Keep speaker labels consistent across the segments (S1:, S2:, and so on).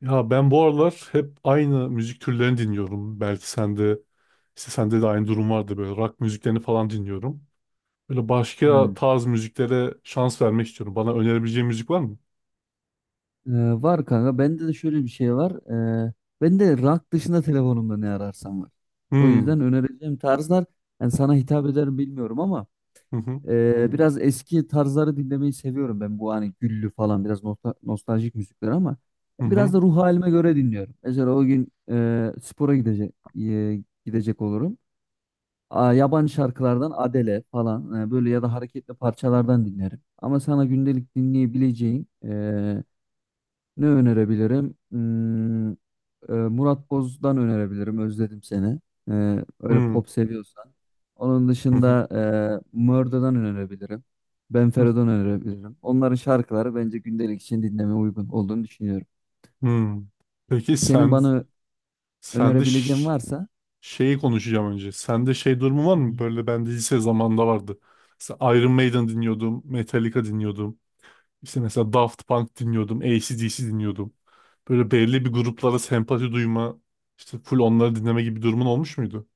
S1: Ya ben bu aralar hep aynı müzik türlerini dinliyorum. Belki sende işte sende de aynı durum vardı, böyle rock müziklerini falan dinliyorum. Böyle başka
S2: Hmm.
S1: tarz müziklere şans vermek istiyorum. Bana önerebileceğin müzik var mı?
S2: Ee, Var kanka. Bende de şöyle bir şey var. Ee, Bende rank dışında telefonumda ne ararsam var. O
S1: Hmm.
S2: yüzden önereceğim tarzlar yani sana hitap eder mi bilmiyorum ama
S1: Hı hı.
S2: biraz eski tarzları dinlemeyi seviyorum ben. Bu hani güllü falan biraz nostaljik müzikler ama
S1: Hı
S2: biraz
S1: hı.
S2: da ruh halime göre dinliyorum. Mesela o gün spora gidecek olurum. Yabancı şarkılardan Adele falan böyle ya da hareketli parçalardan dinlerim. Ama sana gündelik dinleyebileceğin. Ne önerebilirim? Murat Boz'dan önerebilirim. Özledim seni. Öyle
S1: Hmm.
S2: pop seviyorsan. Onun
S1: Hı hı.
S2: dışında Murder'dan önerebilirim. Ben
S1: Hı.
S2: Fero'dan önerebilirim. Onların şarkıları bence gündelik için dinlemeye uygun olduğunu düşünüyorum.
S1: Hmm. Peki
S2: Senin
S1: sen
S2: bana
S1: sende
S2: önerebileceğin varsa
S1: şeyi konuşacağım önce. Sende şey durumu var mı?
S2: hmm,
S1: Böyle ben de lise zamanında vardı. Mesela Iron Maiden dinliyordum, Metallica dinliyordum. İşte mesela Daft Punk dinliyordum, AC/DC dinliyordum. Böyle belli bir gruplara sempati duyma, işte full onları dinleme gibi durumun olmuş muydu?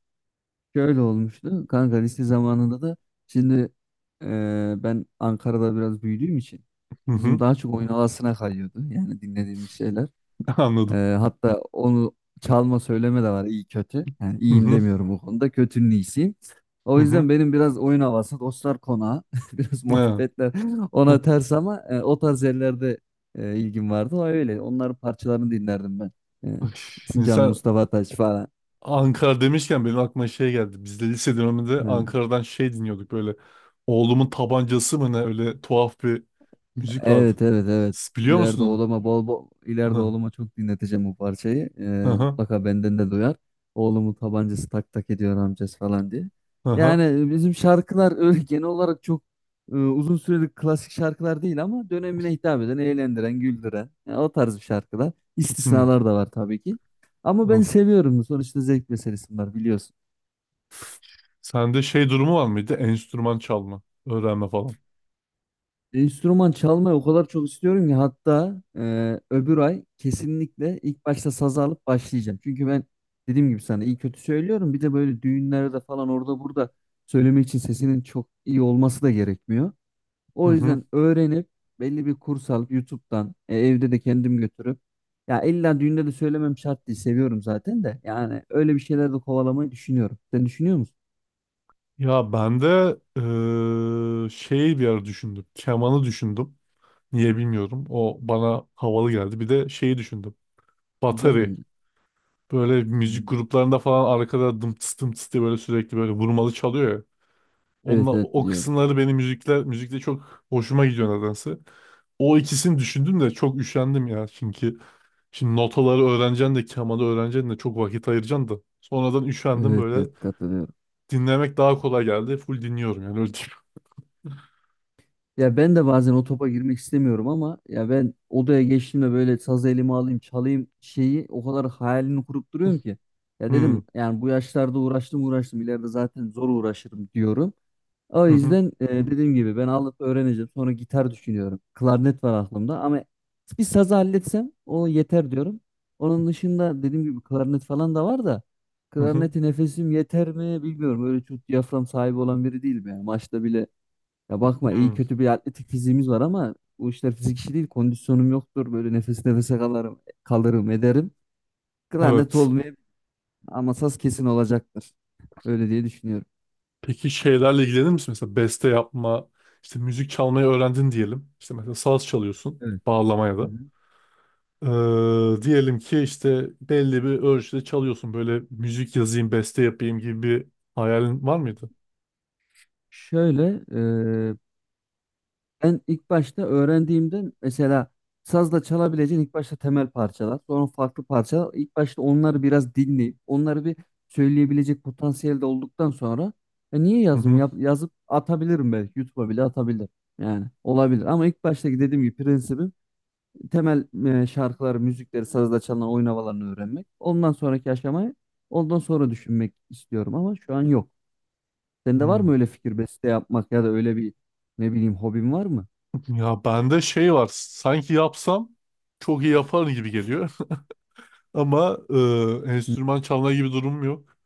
S2: şöyle olmuştu. Kanka lise zamanında da şimdi ben Ankara'da biraz büyüdüğüm için
S1: Hı
S2: bizim
S1: hı,
S2: daha çok oyun havasına kayıyordu. Yani dinlediğimiz şeyler.
S1: anladım.
S2: Hatta onu çalma söyleme de var iyi kötü. Yani
S1: Hı
S2: iyiyim
S1: hı,
S2: demiyorum bu konuda. Kötünün iyisiyim.
S1: hı
S2: O
S1: hı.
S2: yüzden benim biraz oyun havası dostlar konağı. Biraz
S1: Ha,
S2: muhabbetler ona ters ama o tarz yerlerde ilgim vardı. O öyle. Onların parçalarını dinlerdim ben. E,
S1: şimdi
S2: Sincanlı
S1: sen
S2: Mustafa Taş falan.
S1: Ankara demişken benim aklıma şey geldi. Biz de lise döneminde Ankara'dan şey dinliyorduk böyle. Oğlumun tabancası mı ne, öyle tuhaf bir müzik vardı.
S2: Evet evet evet.
S1: Siz biliyor musun
S2: İleride
S1: onu?
S2: oğluma bol bol ileride oğluma çok dinleteceğim bu parçayı.
S1: Hı hı
S2: Mutlaka benden de duyar. Oğlumun tabancası tak tak ediyor amcası falan diye.
S1: hı hı.
S2: Yani
S1: Hı.
S2: bizim şarkılar öyle genel olarak çok uzun süreli klasik şarkılar değil ama dönemine hitap eden, eğlendiren, güldüren yani o tarz bir şarkılar.
S1: Hı.
S2: İstisnalar da var tabii ki. Ama ben
S1: Al.
S2: seviyorum. Sonuçta zevk meselesi var biliyorsun.
S1: Sende şey durumu var mıydı? Enstrüman çalma, öğrenme falan.
S2: Enstrüman çalmayı o kadar çok istiyorum ki hatta öbür ay kesinlikle ilk başta sazı alıp başlayacağım. Çünkü ben dediğim gibi sana iyi kötü söylüyorum. Bir de böyle düğünlerde falan orada burada söylemek için sesinin çok iyi olması da gerekmiyor.
S1: Hı
S2: O
S1: hı.
S2: yüzden öğrenip belli bir kurs alıp YouTube'dan evde de kendim götürüp ya illa düğünde de söylemem şart değil seviyorum zaten de yani öyle bir şeyler de kovalamayı düşünüyorum. Sen düşünüyor musun?
S1: Ya ben de şeyi bir ara düşündüm. Kemanı düşündüm. Niye bilmiyorum. O bana havalı geldi. Bir de şeyi düşündüm.
S2: Güzel
S1: Batari.
S2: bence.
S1: Böyle müzik
S2: Hmm.
S1: gruplarında falan arkada dım tıs dım tıs diye böyle sürekli böyle vurmalı çalıyor ya. Onunla,
S2: Evet evet
S1: o
S2: biliyorum.
S1: kısımları benim müzikler, müzikte çok hoşuma gidiyor nedense. O ikisini düşündüm de çok üşendim ya. Çünkü şimdi notaları öğreneceksin de, kemanı öğreneceksin de, çok vakit ayıracaksın da. Sonradan üşendim
S2: Evet evet
S1: böyle.
S2: katılıyorum.
S1: Dinlemek daha kolay geldi. Full dinliyorum yani, öyle
S2: Ya ben de bazen o topa girmek istemiyorum ama ya ben odaya geçtiğimde böyle sazı elime alayım çalayım şeyi o kadar hayalini kurup duruyorum ki. Ya dedim
S1: diyeyim.
S2: yani bu yaşlarda uğraştım uğraştım ileride zaten zor uğraşırım diyorum. O
S1: Hmm.
S2: yüzden dediğim gibi ben alıp öğreneceğim sonra gitar düşünüyorum. Klarnet var aklımda ama bir sazı halletsem o yeter diyorum. Onun dışında dediğim gibi klarnet falan da var da
S1: Hı hı.
S2: klarneti nefesim yeter mi bilmiyorum. Öyle çok diyafram sahibi olan biri değilim yani maçta bile ya bakma iyi
S1: Hı.
S2: kötü bir atletik fiziğimiz var ama bu işler fizik işi değil. Kondisyonum yoktur. Böyle nefes nefese kalırım, kalırım ederim. Klarnet
S1: Evet.
S2: olmayabilir ama saz kesin olacaktır. Öyle diye düşünüyorum.
S1: Peki şeylerle ilgilenir misin? Mesela beste yapma, işte müzik çalmayı öğrendin diyelim. İşte mesela saz çalıyorsun,
S2: Evet.
S1: bağlamaya
S2: Hı
S1: da.
S2: hı.
S1: Diyelim ki işte belli bir ölçüde çalıyorsun. Böyle müzik yazayım, beste yapayım gibi bir hayalin var mıydı?
S2: Şöyle, ben ilk başta öğrendiğimde mesela sazla çalabileceğin ilk başta temel parçalar, sonra farklı parçalar. İlk başta onları biraz dinleyip onları bir söyleyebilecek potansiyelde olduktan sonra "E, niye
S1: Hı
S2: yazmayayım?
S1: hı.
S2: Yazıp atabilirim belki. YouTube'a bile atabilirim." Yani olabilir ama ilk baştaki dediğim gibi prensibim temel şarkıları, müzikleri, sazla çalınan oyun havalarını öğrenmek. Ondan sonraki aşamayı ondan sonra düşünmek istiyorum ama şu an yok. Sende var
S1: Hı.
S2: mı öyle fikir beste yapmak ya da öyle bir ne bileyim hobin var mı?
S1: Ya bende şey var. Sanki yapsam çok iyi yaparım gibi geliyor. Ama
S2: Hı,
S1: enstrüman çalma gibi durumum yok.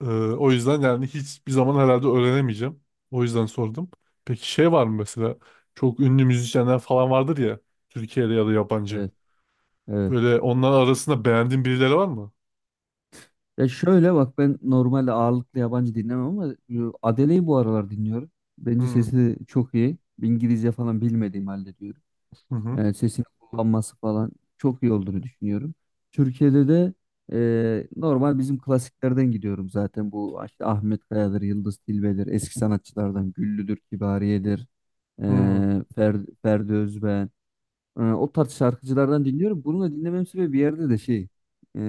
S1: O yüzden yani hiçbir zaman herhalde öğrenemeyeceğim. O yüzden sordum. Peki şey var mı mesela, çok ünlü müzisyenler falan vardır ya, Türkiye'de ya da yabancı.
S2: evet. Evet.
S1: Böyle onlar arasında beğendiğin birileri var mı?
S2: Ya şöyle bak ben normalde ağırlıklı yabancı dinlemem ama Adele'yi bu aralar dinliyorum. Bence
S1: Hmm.
S2: sesi çok iyi. İngilizce falan bilmediğim halde diyorum.
S1: Hı hı.
S2: Yani sesini kullanması falan çok iyi olduğunu düşünüyorum. Türkiye'de de normal bizim klasiklerden gidiyorum zaten. Bu işte Ahmet Kaya'dır, Yıldız Tilbe'dir, eski sanatçılardan Güllü'dür, Kibariye'dir, e,
S1: Hmm.
S2: Ferdi Özbeğen. O tarz şarkıcılardan dinliyorum. Bunu da dinlemem sebebi bir yerde de şey. e,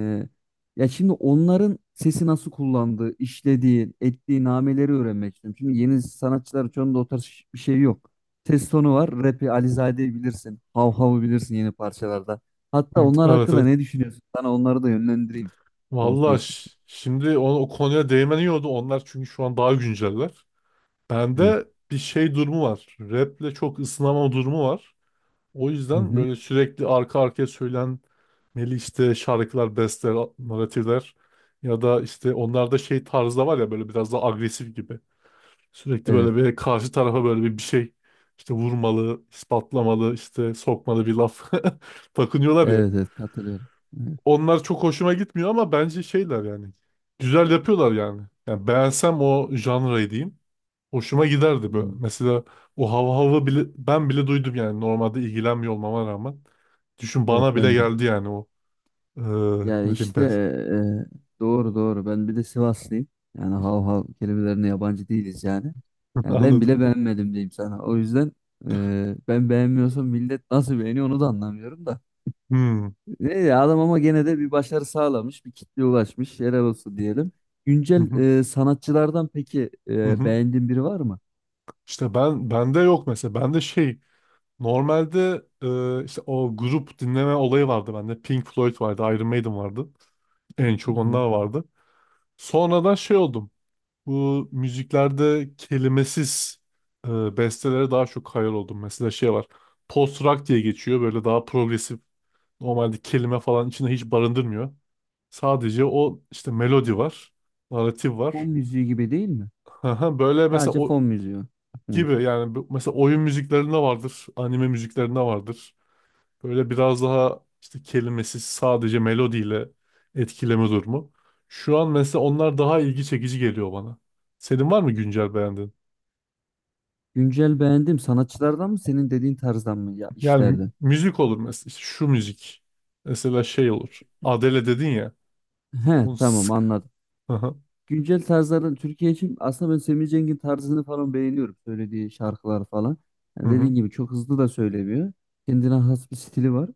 S2: Ya şimdi onların sesi nasıl kullandığı, işlediği, ettiği nameleri öğrenmek istiyorum. Şimdi yeni sanatçıların çoğunda o tarz bir şey yok. Ses tonu var. Rap'i Alizade'yi bilirsin. Hav Hav'ı bilirsin yeni parçalarda. Hatta
S1: Hı.
S2: onlar
S1: Evet
S2: hakkında
S1: evet.
S2: ne düşünüyorsun? Sana onları da yönlendireyim. Konusu
S1: Valla
S2: geçmiş.
S1: şimdi o konuya değmen iyi oldu. Onlar çünkü şu an daha günceller.
S2: Evet.
S1: Bende bir şey durumu var. Rap'le çok ısınamama durumu var. O
S2: Hı
S1: yüzden
S2: hı.
S1: böyle sürekli arka arkaya söylenmeli işte şarkılar, besteler, naratifler ya da işte onlarda şey tarzı da var ya, böyle biraz daha agresif gibi. Sürekli
S2: Evet.
S1: böyle bir karşı tarafa böyle bir şey işte vurmalı, ispatlamalı, işte sokmalı bir laf takınıyorlar ya.
S2: Evet evet katılıyorum. Evet.
S1: Onlar çok hoşuma gitmiyor ama bence şeyler yani. Güzel yapıyorlar yani. Yani beğensem o janrayı diyeyim. Hoşuma giderdi böyle.
S2: Hmm.
S1: Mesela o hava hava bile, ben bile duydum yani, normalde ilgilenmiyor olmama rağmen. Düşün,
S2: Evet
S1: bana bile
S2: ben de.
S1: geldi yani o. Ee,
S2: Yani
S1: Ne diyeyim
S2: işte
S1: ben?
S2: doğru doğru. Ben bir de Sivaslıyım. Yani hav hav kelimelerine yabancı değiliz yani. Yani ben
S1: Anladım.
S2: bile beğenmedim diyeyim sana. O yüzden ben beğenmiyorsam millet nasıl beğeniyor onu da anlamıyorum da.
S1: Hmm.
S2: Ne ya adam ama gene de bir başarı sağlamış, bir kitleye ulaşmış. Helal olsun diyelim.
S1: Hı
S2: Güncel
S1: hı.
S2: sanatçılardan peki
S1: Hı hı.
S2: beğendiğin biri var mı?
S1: İşte ben bende yok mesela. Bende şey normalde işte o grup dinleme olayı vardı bende. Pink Floyd vardı, Iron Maiden vardı. En
S2: Hı
S1: çok
S2: hı.
S1: onlar vardı. Sonradan şey oldum. Bu müziklerde kelimesiz bestelere daha çok hayal oldum. Mesela şey var. Post rock diye geçiyor. Böyle daha progresif. Normalde kelime falan içinde hiç barındırmıyor. Sadece o işte melodi var. Naratif
S2: Fon
S1: var.
S2: müziği gibi değil mi?
S1: Böyle mesela
S2: Sadece
S1: o
S2: fon müziği. Hı.
S1: gibi yani, mesela oyun müziklerinde vardır. Anime müziklerinde vardır. Böyle biraz daha işte kelimesiz, sadece melodiyle etkileme durumu. Şu an mesela onlar daha ilgi çekici geliyor bana. Senin var mı güncel beğendiğin?
S2: Güncel beğendim. Sanatçılardan mı senin dediğin tarzdan mı ya
S1: Yani
S2: işlerden?
S1: müzik olur mesela. İşte şu müzik. Mesela şey olur. Adele dedin ya.
S2: He,
S1: Onu
S2: tamam
S1: sık.
S2: anladım.
S1: Hı hı.
S2: Güncel tarzların Türkiye için aslında ben Semih Cengiz'in tarzını falan beğeniyorum. Söylediği şarkılar falan.
S1: Hı
S2: Yani
S1: hı.
S2: dediğin gibi çok hızlı da söylemiyor. Kendine has bir stili var.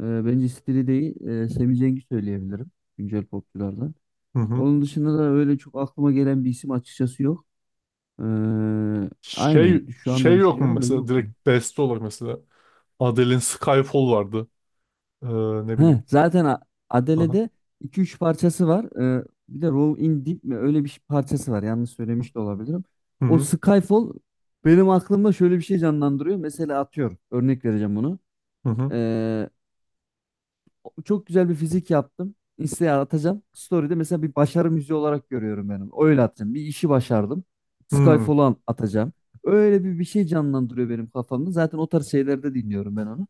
S2: Bence stili değil Semih Cengiz söyleyebilirim güncel popçulardan.
S1: Hı hı.
S2: Onun dışında da öyle çok aklıma gelen bir isim açıkçası yok. Ee, aynen
S1: Şey,
S2: şu anda
S1: şey yok mu
S2: düşünüyorum da
S1: mesela?
S2: yok.
S1: Direkt beste olarak mesela. Adele'in Skyfall vardı. Ee, ne
S2: Heh,
S1: bileyim.
S2: zaten A-
S1: Hı hı.
S2: Adele'de iki üç parçası var. Bir de Roll in Deep mi öyle bir parçası var. Yanlış söylemiş de olabilirim.
S1: Hı
S2: O
S1: hı.
S2: Skyfall benim aklımda şöyle bir şey canlandırıyor. Mesela atıyorum. Örnek vereceğim bunu.
S1: Hı hı.
S2: Ee, Çok güzel bir fizik yaptım. Insta'ya atacağım. Story'de mesela bir başarı müziği olarak görüyorum benim. Öyle atacağım. Bir işi başardım.
S1: Hı
S2: Atacağım. Öyle bir şey canlandırıyor benim kafamda. Zaten o tarz şeylerde dinliyorum ben onu.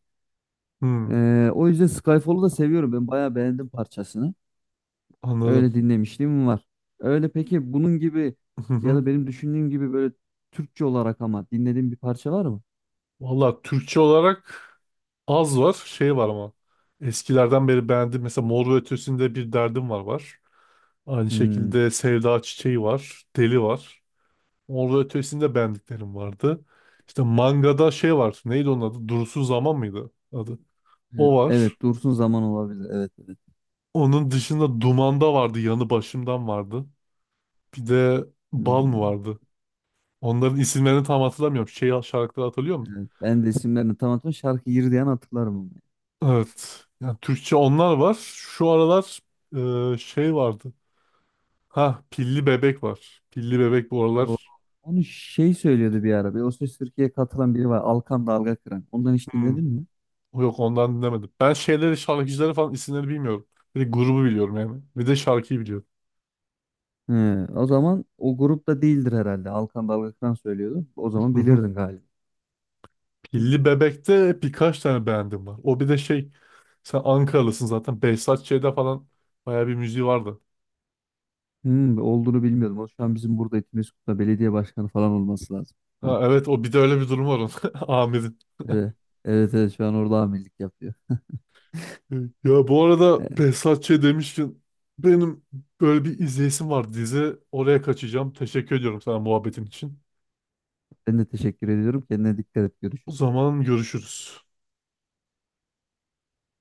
S1: hı.
S2: O yüzden Skyfall'u da seviyorum. Ben bayağı beğendim parçasını.
S1: Anladım.
S2: Öyle dinlemişliğim var. Öyle peki bunun gibi
S1: Hı
S2: ya
S1: hı.
S2: da benim düşündüğüm gibi böyle Türkçe olarak ama dinlediğim bir parça var mı?
S1: Valla Türkçe olarak az var. Şey var ama. Eskilerden beri beğendim. Mesela Mor ve Ötesi'nde bir derdim var var. Aynı
S2: Hmm.
S1: şekilde Sevda Çiçeği var. Deli var. Orada, ötesinde beğendiklerim vardı. İşte mangada şey var. Neydi onun adı? Durusu Zaman mıydı adı? O var.
S2: Evet, Dursun Zaman olabilir. Evet.
S1: Onun dışında Duman'da vardı. Yanı Başımdan vardı. Bir de Bal mı
S2: Hmm.
S1: vardı? Onların isimlerini tam hatırlamıyorum. Şey şarkıları hatırlıyor musun?
S2: Evet. Ben de isimlerini tam hatırlamıyorum. Şarkı Yirdiyen hatırlarım onu.
S1: Evet. Yani Türkçe onlar var. Şu aralar şey vardı. Ha Pilli Bebek var. Pilli Bebek bu
S2: O,
S1: aralar.
S2: Onu şey söylüyordu bir ara. Bir O Ses Türkiye'ye katılan biri var. Alkan Dalga Kıran. Ondan hiç
S1: Hmm.
S2: dinledin mi?
S1: Yok, ondan dinlemedim. Ben şeyleri şarkıcıları falan isimlerini bilmiyorum. Bir de grubu biliyorum yani. Bir de şarkıyı biliyorum.
S2: He, o zaman o grupta değildir herhalde. Alkan Dalga Kıran söylüyordu. O zaman bilirdin galiba.
S1: Pilli Bebek'te birkaç tane beğendim var. O bir de şey, sen Ankaralısın zaten. Behzat Ç'de falan bayağı bir müziği vardı.
S2: Olduğunu bilmiyordum. O şu an bizim burada Etimesgut'ta belediye başkanı falan olması lazım şu an.
S1: Ha evet, o bir de öyle bir durum var onun. Amir'in.
S2: Evet, evet, evet şu an orada amirlik yapıyor.
S1: Ya bu arada
S2: Evet,
S1: Behzat Ç demişken benim böyle bir izleyesim var dizi. Oraya kaçacağım. Teşekkür ediyorum sana muhabbetin için.
S2: ben de teşekkür ediyorum. Kendine dikkat et.
S1: O
S2: Görüşürüz.
S1: zaman görüşürüz.